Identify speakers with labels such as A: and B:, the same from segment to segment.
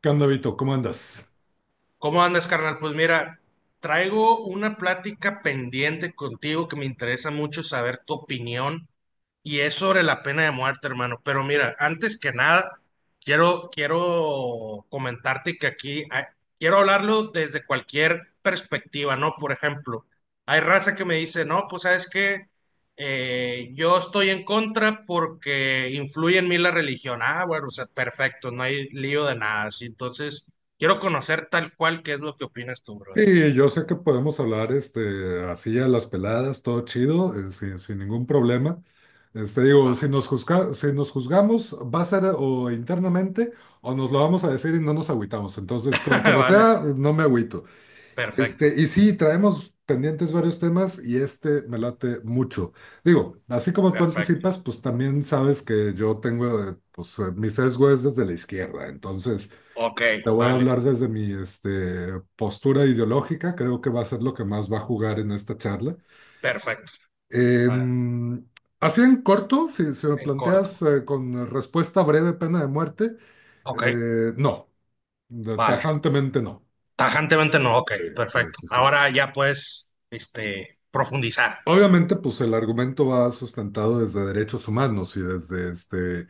A: ¿Qué onda, Vito? ¿Cómo andas?
B: ¿Cómo andas, carnal? Pues mira, traigo una plática pendiente contigo que me interesa mucho saber tu opinión y es sobre la pena de muerte, hermano. Pero mira, antes que nada, quiero comentarte que quiero hablarlo desde cualquier perspectiva, ¿no? Por ejemplo, hay raza que me dice, no, pues sabes que yo estoy en contra porque influye en mí la religión. Ah, bueno, o sea, perfecto, no hay lío de nada. Así. Entonces, quiero conocer tal cual qué es lo que opinas tú, bro.
A: Sí, yo sé que podemos hablar así a las peladas, todo chido, sin ningún problema. Digo,
B: Ah,
A: si nos juzgamos, va a ser o internamente o nos lo vamos a decir y no nos agüitamos. Entonces, como
B: vale,
A: sea, no me agüito.
B: perfecto,
A: Y sí, traemos pendientes varios temas y este me late mucho. Digo, así como tú
B: perfecto.
A: anticipas, pues también sabes que yo tengo, mi sesgo es desde la izquierda. Entonces,
B: Ok,
A: te voy a
B: vale,
A: hablar desde mi postura ideológica. Creo que va a ser lo que más va a jugar en esta charla.
B: perfecto. A ver,
A: Em, así en corto, si me
B: en corto.
A: planteas con respuesta breve, pena de muerte,
B: Ok,
A: no,
B: vale.
A: tajantemente no.
B: Tajantemente no, ok,
A: Sí, sí,
B: perfecto.
A: sí, sí.
B: Ahora ya puedes, profundizar.
A: Obviamente, pues el argumento va sustentado desde derechos humanos y desde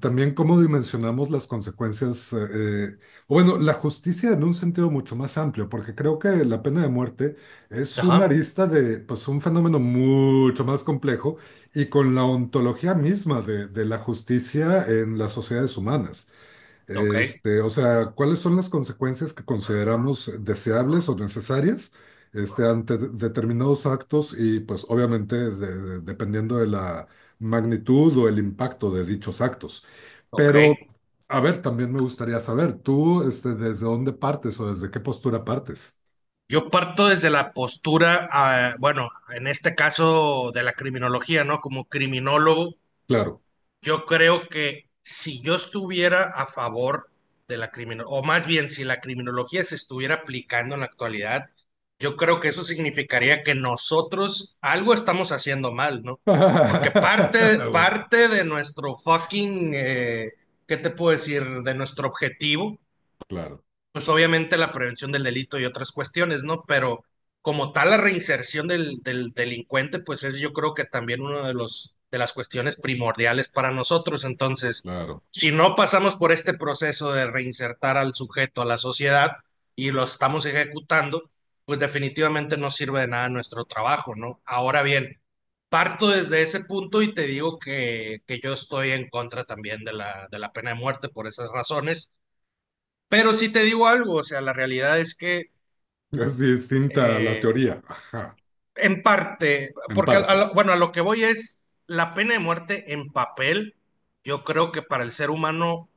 A: también cómo dimensionamos las consecuencias, o bueno, la justicia en un sentido mucho más amplio, porque creo que la pena de muerte es una
B: Ajá,
A: arista de pues un fenómeno mucho más complejo y con la ontología misma de la justicia en las sociedades humanas.
B: ok,
A: O sea, ¿cuáles son las consecuencias que consideramos deseables o necesarias ante determinados actos y pues obviamente dependiendo de la magnitud o el impacto de dichos actos?
B: ok.
A: Pero, a ver, también me gustaría saber, ¿tú desde dónde partes o desde qué postura partes?
B: Yo parto desde la postura, ah, bueno, en este caso de la criminología, ¿no? Como criminólogo,
A: Claro.
B: yo creo que si yo estuviera a favor de la criminología, o más bien si la criminología se estuviera aplicando en la actualidad, yo creo que eso significaría que nosotros algo estamos haciendo mal, ¿no? Porque parte,
A: Bueno,
B: parte de nuestro fucking, ¿qué te puedo decir? De nuestro objetivo
A: claro,
B: pues obviamente la prevención del delito y otras cuestiones, ¿no? Pero como tal la reinserción del delincuente, pues es yo creo que también uno de los de las cuestiones primordiales para nosotros. Entonces,
A: claro.
B: si no pasamos por este proceso de reinsertar al sujeto a la sociedad y lo estamos ejecutando, pues definitivamente no sirve de nada nuestro trabajo, ¿no? Ahora bien, parto desde ese punto y te digo que yo estoy en contra también de la pena de muerte por esas razones, pero sí te digo algo. O sea, la realidad es que
A: Es distinta a la
B: eh,
A: teoría, ajá,
B: en parte,
A: en
B: porque
A: parte.
B: bueno, a lo que voy es la pena de muerte en papel, yo creo que para el ser humano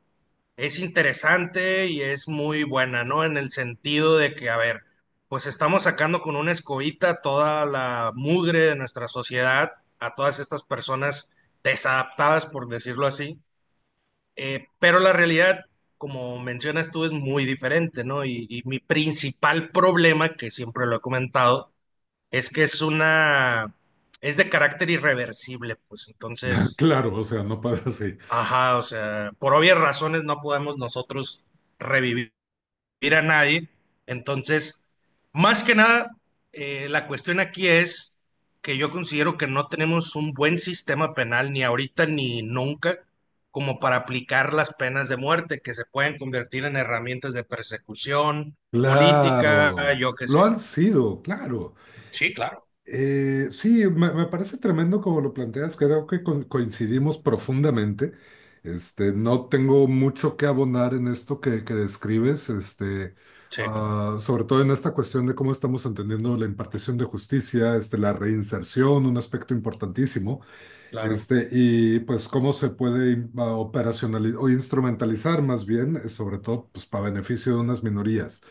B: es interesante y es muy buena, ¿no? En el sentido de que, a ver, pues estamos sacando con una escobita toda la mugre de nuestra sociedad, a todas estas personas desadaptadas, por decirlo así. Pero la realidad, como mencionas tú, es muy diferente, ¿no? Y mi principal problema, que siempre lo he comentado, es que es de carácter irreversible, pues entonces,
A: Claro, o sea, no puede así.
B: ajá, o sea, por obvias razones no podemos nosotros revivir ir a nadie. Entonces, más que nada, la cuestión aquí es que yo considero que no tenemos un buen sistema penal ni ahorita ni nunca como para aplicar las penas de muerte que se pueden convertir en herramientas de persecución política,
A: Claro,
B: yo qué
A: lo
B: sé.
A: han sido, claro.
B: Sí, claro,
A: Sí, me parece tremendo como lo planteas, creo que coincidimos profundamente. No tengo mucho que abonar en esto que describes,
B: sí,
A: sobre todo en esta cuestión de cómo estamos entendiendo la impartición de justicia, la reinserción, un aspecto importantísimo.
B: claro,
A: Y pues cómo se puede operacionalizar o instrumentalizar más bien, sobre todo pues para beneficio de unas minorías,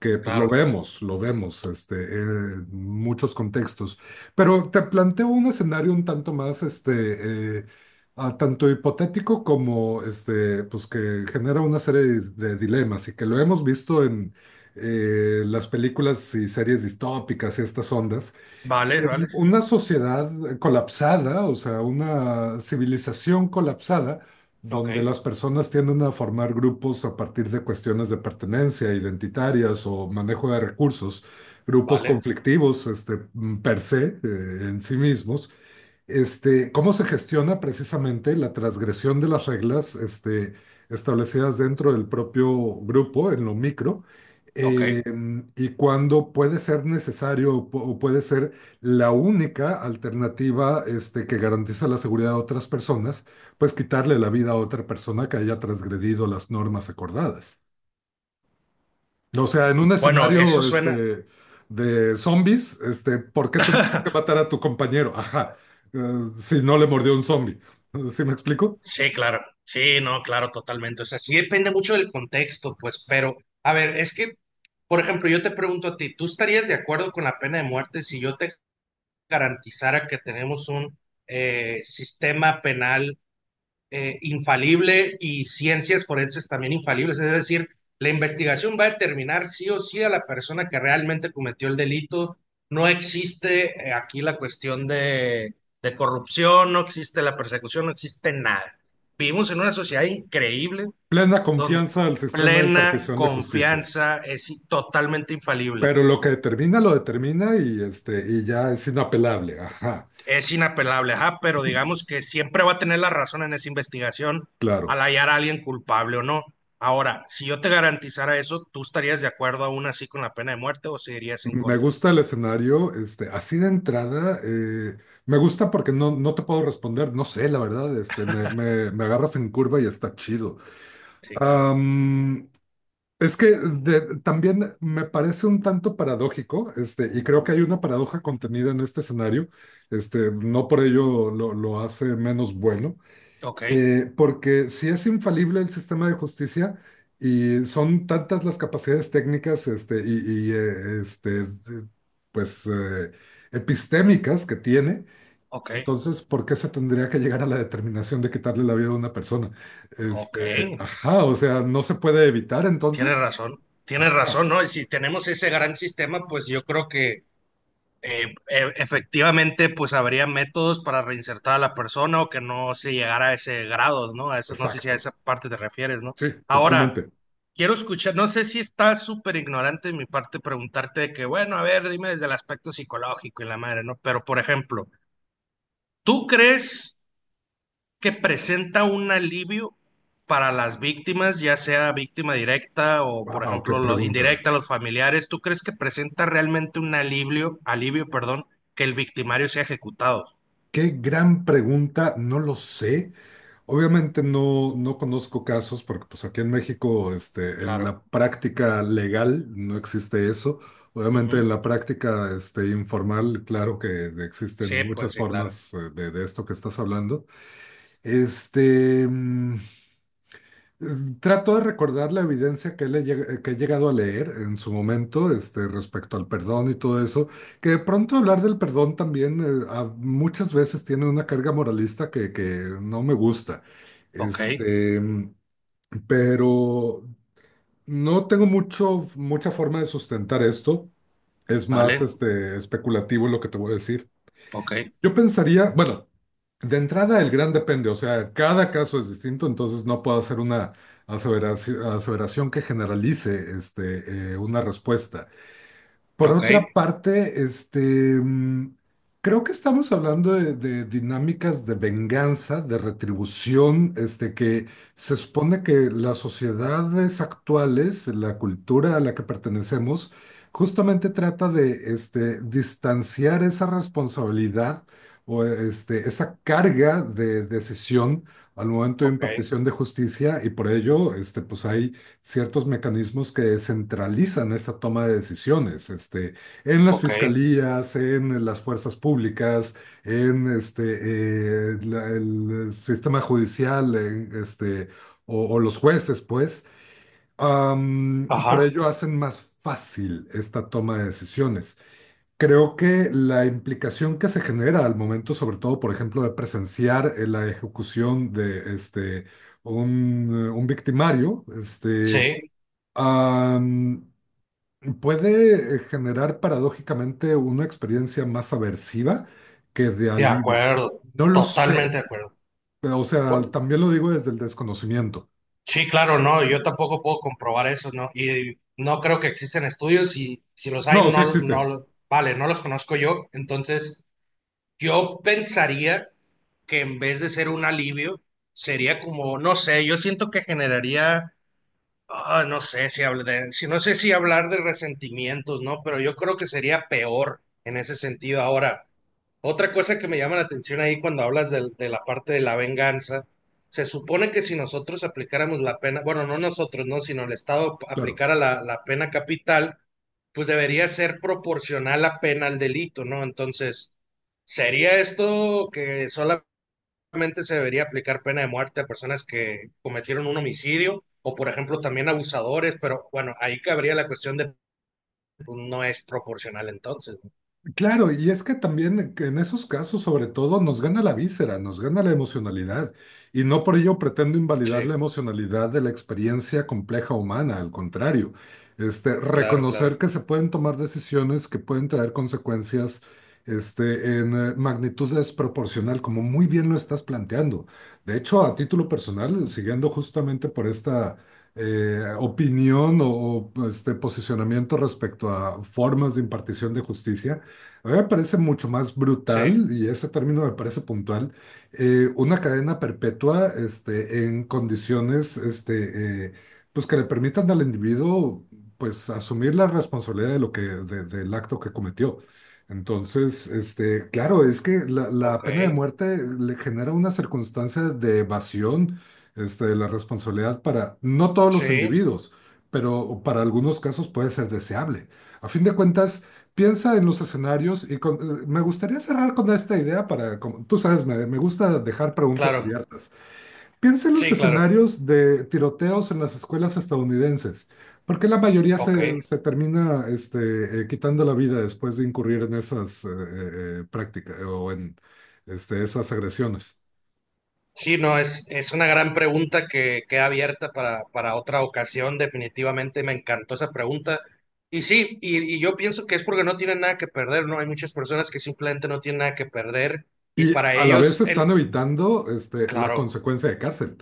A: que pues
B: claro.
A: lo vemos en muchos contextos. Pero te planteo un escenario un tanto más, tanto hipotético como, pues que genera una serie de dilemas y que lo hemos visto en las películas y series distópicas y estas ondas
B: Vale,
A: en
B: vale,
A: una sociedad colapsada, o sea, una civilización colapsada,
B: ok,
A: donde las personas tienden a formar grupos a partir de cuestiones de pertenencia, identitarias o manejo de recursos, grupos
B: vale,
A: conflictivos, per se, en sí mismos, cómo se gestiona precisamente la transgresión de las reglas establecidas dentro del propio grupo, en lo micro,
B: ok.
A: eh, y cuándo puede ser necesario o puede ser la única alternativa que garantiza la seguridad de otras personas, pues quitarle la vida a otra persona que haya transgredido las normas acordadas. O sea, en un
B: Bueno, eso
A: escenario
B: suena.
A: de zombies, ¿por qué tendrías que matar a tu compañero? Ajá, eh, si no le mordió un zombie. ¿Sí me explico?
B: Sí, claro. Sí, no, claro, totalmente. O sea, sí depende mucho del contexto, pues, pero, a ver, es que, por ejemplo, yo te pregunto a ti, ¿tú estarías de acuerdo con la pena de muerte si yo te garantizara que tenemos un sistema penal infalible y ciencias forenses también infalibles? Es decir, la investigación va a determinar sí o sí a la persona que realmente cometió el delito. No existe aquí la cuestión de corrupción, no existe la persecución, no existe nada. Vivimos en una sociedad increíble
A: Plena
B: donde
A: confianza al sistema de
B: plena
A: impartición de justicia.
B: confianza es totalmente infalible.
A: Pero lo que determina, lo determina y, y ya es inapelable. Ajá,
B: Es inapelable, ajá, pero digamos que siempre va a tener la razón en esa investigación al
A: claro.
B: hallar a alguien culpable o no. Ahora, si yo te garantizara eso, ¿tú estarías de acuerdo aún así con la pena de muerte o seguirías en
A: Me
B: contra?
A: gusta el escenario, así de entrada, me gusta porque no, no te puedo responder, no sé, la verdad, este, me agarras en curva y está chido.
B: Sí, claro.
A: Am, Es que también me parece un tanto paradójico, y creo que hay una paradoja contenida en este escenario, no por ello lo hace menos bueno,
B: Ok,
A: porque si es infalible el sistema de justicia y son tantas las capacidades técnicas, pues eh, epistémicas que tiene,
B: ok,
A: entonces, ¿por qué se tendría que llegar a la determinación de quitarle la vida a una persona?
B: ok.
A: Ajá, o sea, ¿no se puede evitar entonces?
B: Tienes
A: Ajá,
B: razón, ¿no? Y si tenemos ese gran sistema, pues yo creo que efectivamente, pues habría métodos para reinsertar a la persona o que no se llegara a ese grado, ¿no? A eso, no sé si a
A: exacto.
B: esa parte te refieres, ¿no?
A: Sí,
B: Ahora,
A: totalmente.
B: quiero escuchar, no sé si está súper ignorante de mi parte preguntarte de que, bueno, a ver, dime desde el aspecto psicológico y la madre, ¿no? Pero, por ejemplo, ¿tú crees que presenta un alivio para las víctimas, ya sea víctima directa o, por
A: Wow, qué
B: ejemplo, lo
A: pregunta.
B: indirecta, los familiares? ¿Tú crees que presenta realmente un alivio, perdón, que el victimario sea ejecutado?
A: Qué gran pregunta, no lo sé. Obviamente no, no conozco casos porque pues aquí en México, en
B: Claro.
A: la práctica legal no existe eso. Obviamente
B: Ujú.
A: en la práctica, informal, claro que
B: Sí,
A: existen
B: pues
A: muchas
B: sí, claro.
A: formas de esto que estás hablando. Este, mm, Trato de recordar la evidencia que he llegado a leer en su momento, respecto al perdón y todo eso, que de pronto hablar del perdón también muchas veces tiene una carga moralista que no me gusta.
B: Ok,
A: Este, mm, pero no tengo mucho, mucha forma de sustentar esto. Es más,
B: vale,
A: especulativo lo que te voy a decir.
B: ok,
A: Yo pensaría, bueno, de entrada el gran depende, o sea, cada caso es distinto, entonces no puedo hacer una aseveración que generalice una respuesta. Por
B: ok,
A: otra parte, mm, creo que estamos hablando de dinámicas de venganza, de retribución, que se supone que las sociedades actuales, la cultura a la que pertenecemos, justamente trata de, distanciar esa responsabilidad o esa carga de decisión al momento de
B: ok,
A: impartición de justicia y por ello, pues hay ciertos mecanismos que descentralizan esa toma de decisiones, en las
B: ok.
A: fiscalías, en las fuerzas públicas, en el sistema judicial, en, o los jueces, pues, por
B: Ajá,
A: ello hacen más fácil esta toma de decisiones. Creo que la implicación que se genera al momento, sobre todo, por ejemplo, de presenciar la ejecución de un victimario,
B: sí.
A: Am, puede generar paradójicamente una experiencia más aversiva que de
B: De
A: alivio.
B: acuerdo,
A: No lo sé,
B: totalmente de acuerdo.
A: pero, o sea,
B: Bu-
A: también lo digo desde el desconocimiento.
B: sí, claro, no, yo tampoco puedo comprobar eso, ¿no? Y no creo que existen estudios y si los
A: No,
B: hay,
A: sí
B: no,
A: existen,
B: no, vale, no los conozco yo. Entonces, yo pensaría que en vez de ser un alivio, sería como, no sé, yo siento que generaría, no sé si hablar de resentimientos, ¿no? Pero yo creo que sería peor en ese sentido ahora. Otra cosa que me llama la atención ahí cuando hablas de la parte de la venganza, se supone que si nosotros aplicáramos la pena, bueno, no nosotros, no, sino el Estado
A: claro.
B: aplicara la pena capital, pues debería ser proporcional la pena al delito, ¿no? Entonces, ¿sería esto que solamente se debería aplicar pena de muerte a personas que cometieron un homicidio o, por ejemplo, también abusadores? Pero bueno, ahí cabría la cuestión de pues, no es proporcional entonces.
A: Claro, y es que también que en esos casos, sobre todo, nos gana la víscera, nos gana la emocionalidad, y no por ello pretendo invalidar
B: Sí,
A: la emocionalidad de la experiencia compleja humana, al contrario,
B: claro,
A: reconocer
B: claro.
A: que se pueden tomar decisiones que pueden traer consecuencias, este, en magnitud desproporcional, como muy bien lo estás planteando. De hecho, a título personal, siguiendo justamente por esta opinión este posicionamiento respecto a formas de impartición de justicia, a mí me parece mucho más
B: Sí,
A: brutal, y ese término me parece puntual, una cadena perpetua en condiciones pues que le permitan al individuo pues, asumir la responsabilidad de lo que, del acto que cometió. Entonces, claro, es que la
B: ok.
A: pena de muerte le genera una circunstancia de evasión de la responsabilidad para no todos
B: Sí,
A: los individuos, pero para algunos casos puede ser deseable. A fin de cuentas, piensa en los escenarios y me gustaría cerrar con esta idea para, como- tú sabes, me gusta dejar preguntas
B: claro,
A: abiertas. Piensa en los
B: sí, claro,
A: escenarios de tiroteos en las escuelas estadounidenses. ¿Por qué la mayoría
B: ok.
A: se termina quitando la vida después de incurrir en esas prácticas o en esas agresiones?
B: Sí, no, es una gran pregunta que queda abierta para otra ocasión, definitivamente me encantó esa pregunta. Y sí, y yo pienso que es porque no tienen nada que perder, ¿no? Hay muchas personas que simplemente no tienen nada que perder y
A: Y
B: para
A: a la vez
B: ellos,
A: están
B: el,
A: evitando la
B: claro,
A: consecuencia de cárcel.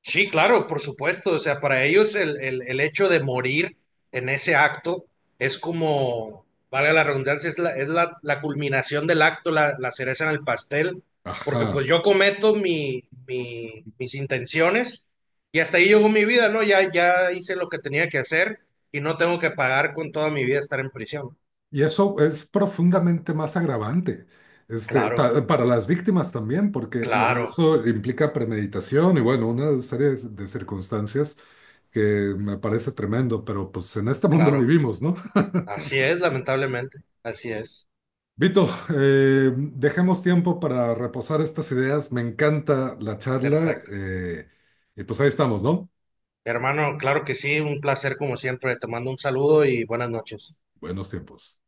B: sí, claro, por supuesto. O sea, para ellos el hecho de morir en ese acto es como, valga la redundancia, la culminación del acto, la cereza en el pastel, porque
A: Ajá.
B: pues yo cometo mis intenciones y hasta ahí llegó mi vida, ¿no? Ya, ya hice lo que tenía que hacer y no tengo que pagar con toda mi vida estar en prisión.
A: Y eso es profundamente más agravante,
B: Claro,
A: para las víctimas también, porque
B: claro,
A: eso implica premeditación y bueno, una serie de circunstancias que me parece tremendo, pero pues en este mundo
B: claro.
A: vivimos, ¿no?
B: Así es, lamentablemente. Así es.
A: Vito, dejemos tiempo para reposar estas ideas. Me encanta la charla
B: Perfecto.
A: y pues ahí estamos, ¿no?
B: Hermano, claro que sí, un placer como siempre. Te mando un saludo y buenas noches.
A: Buenos tiempos.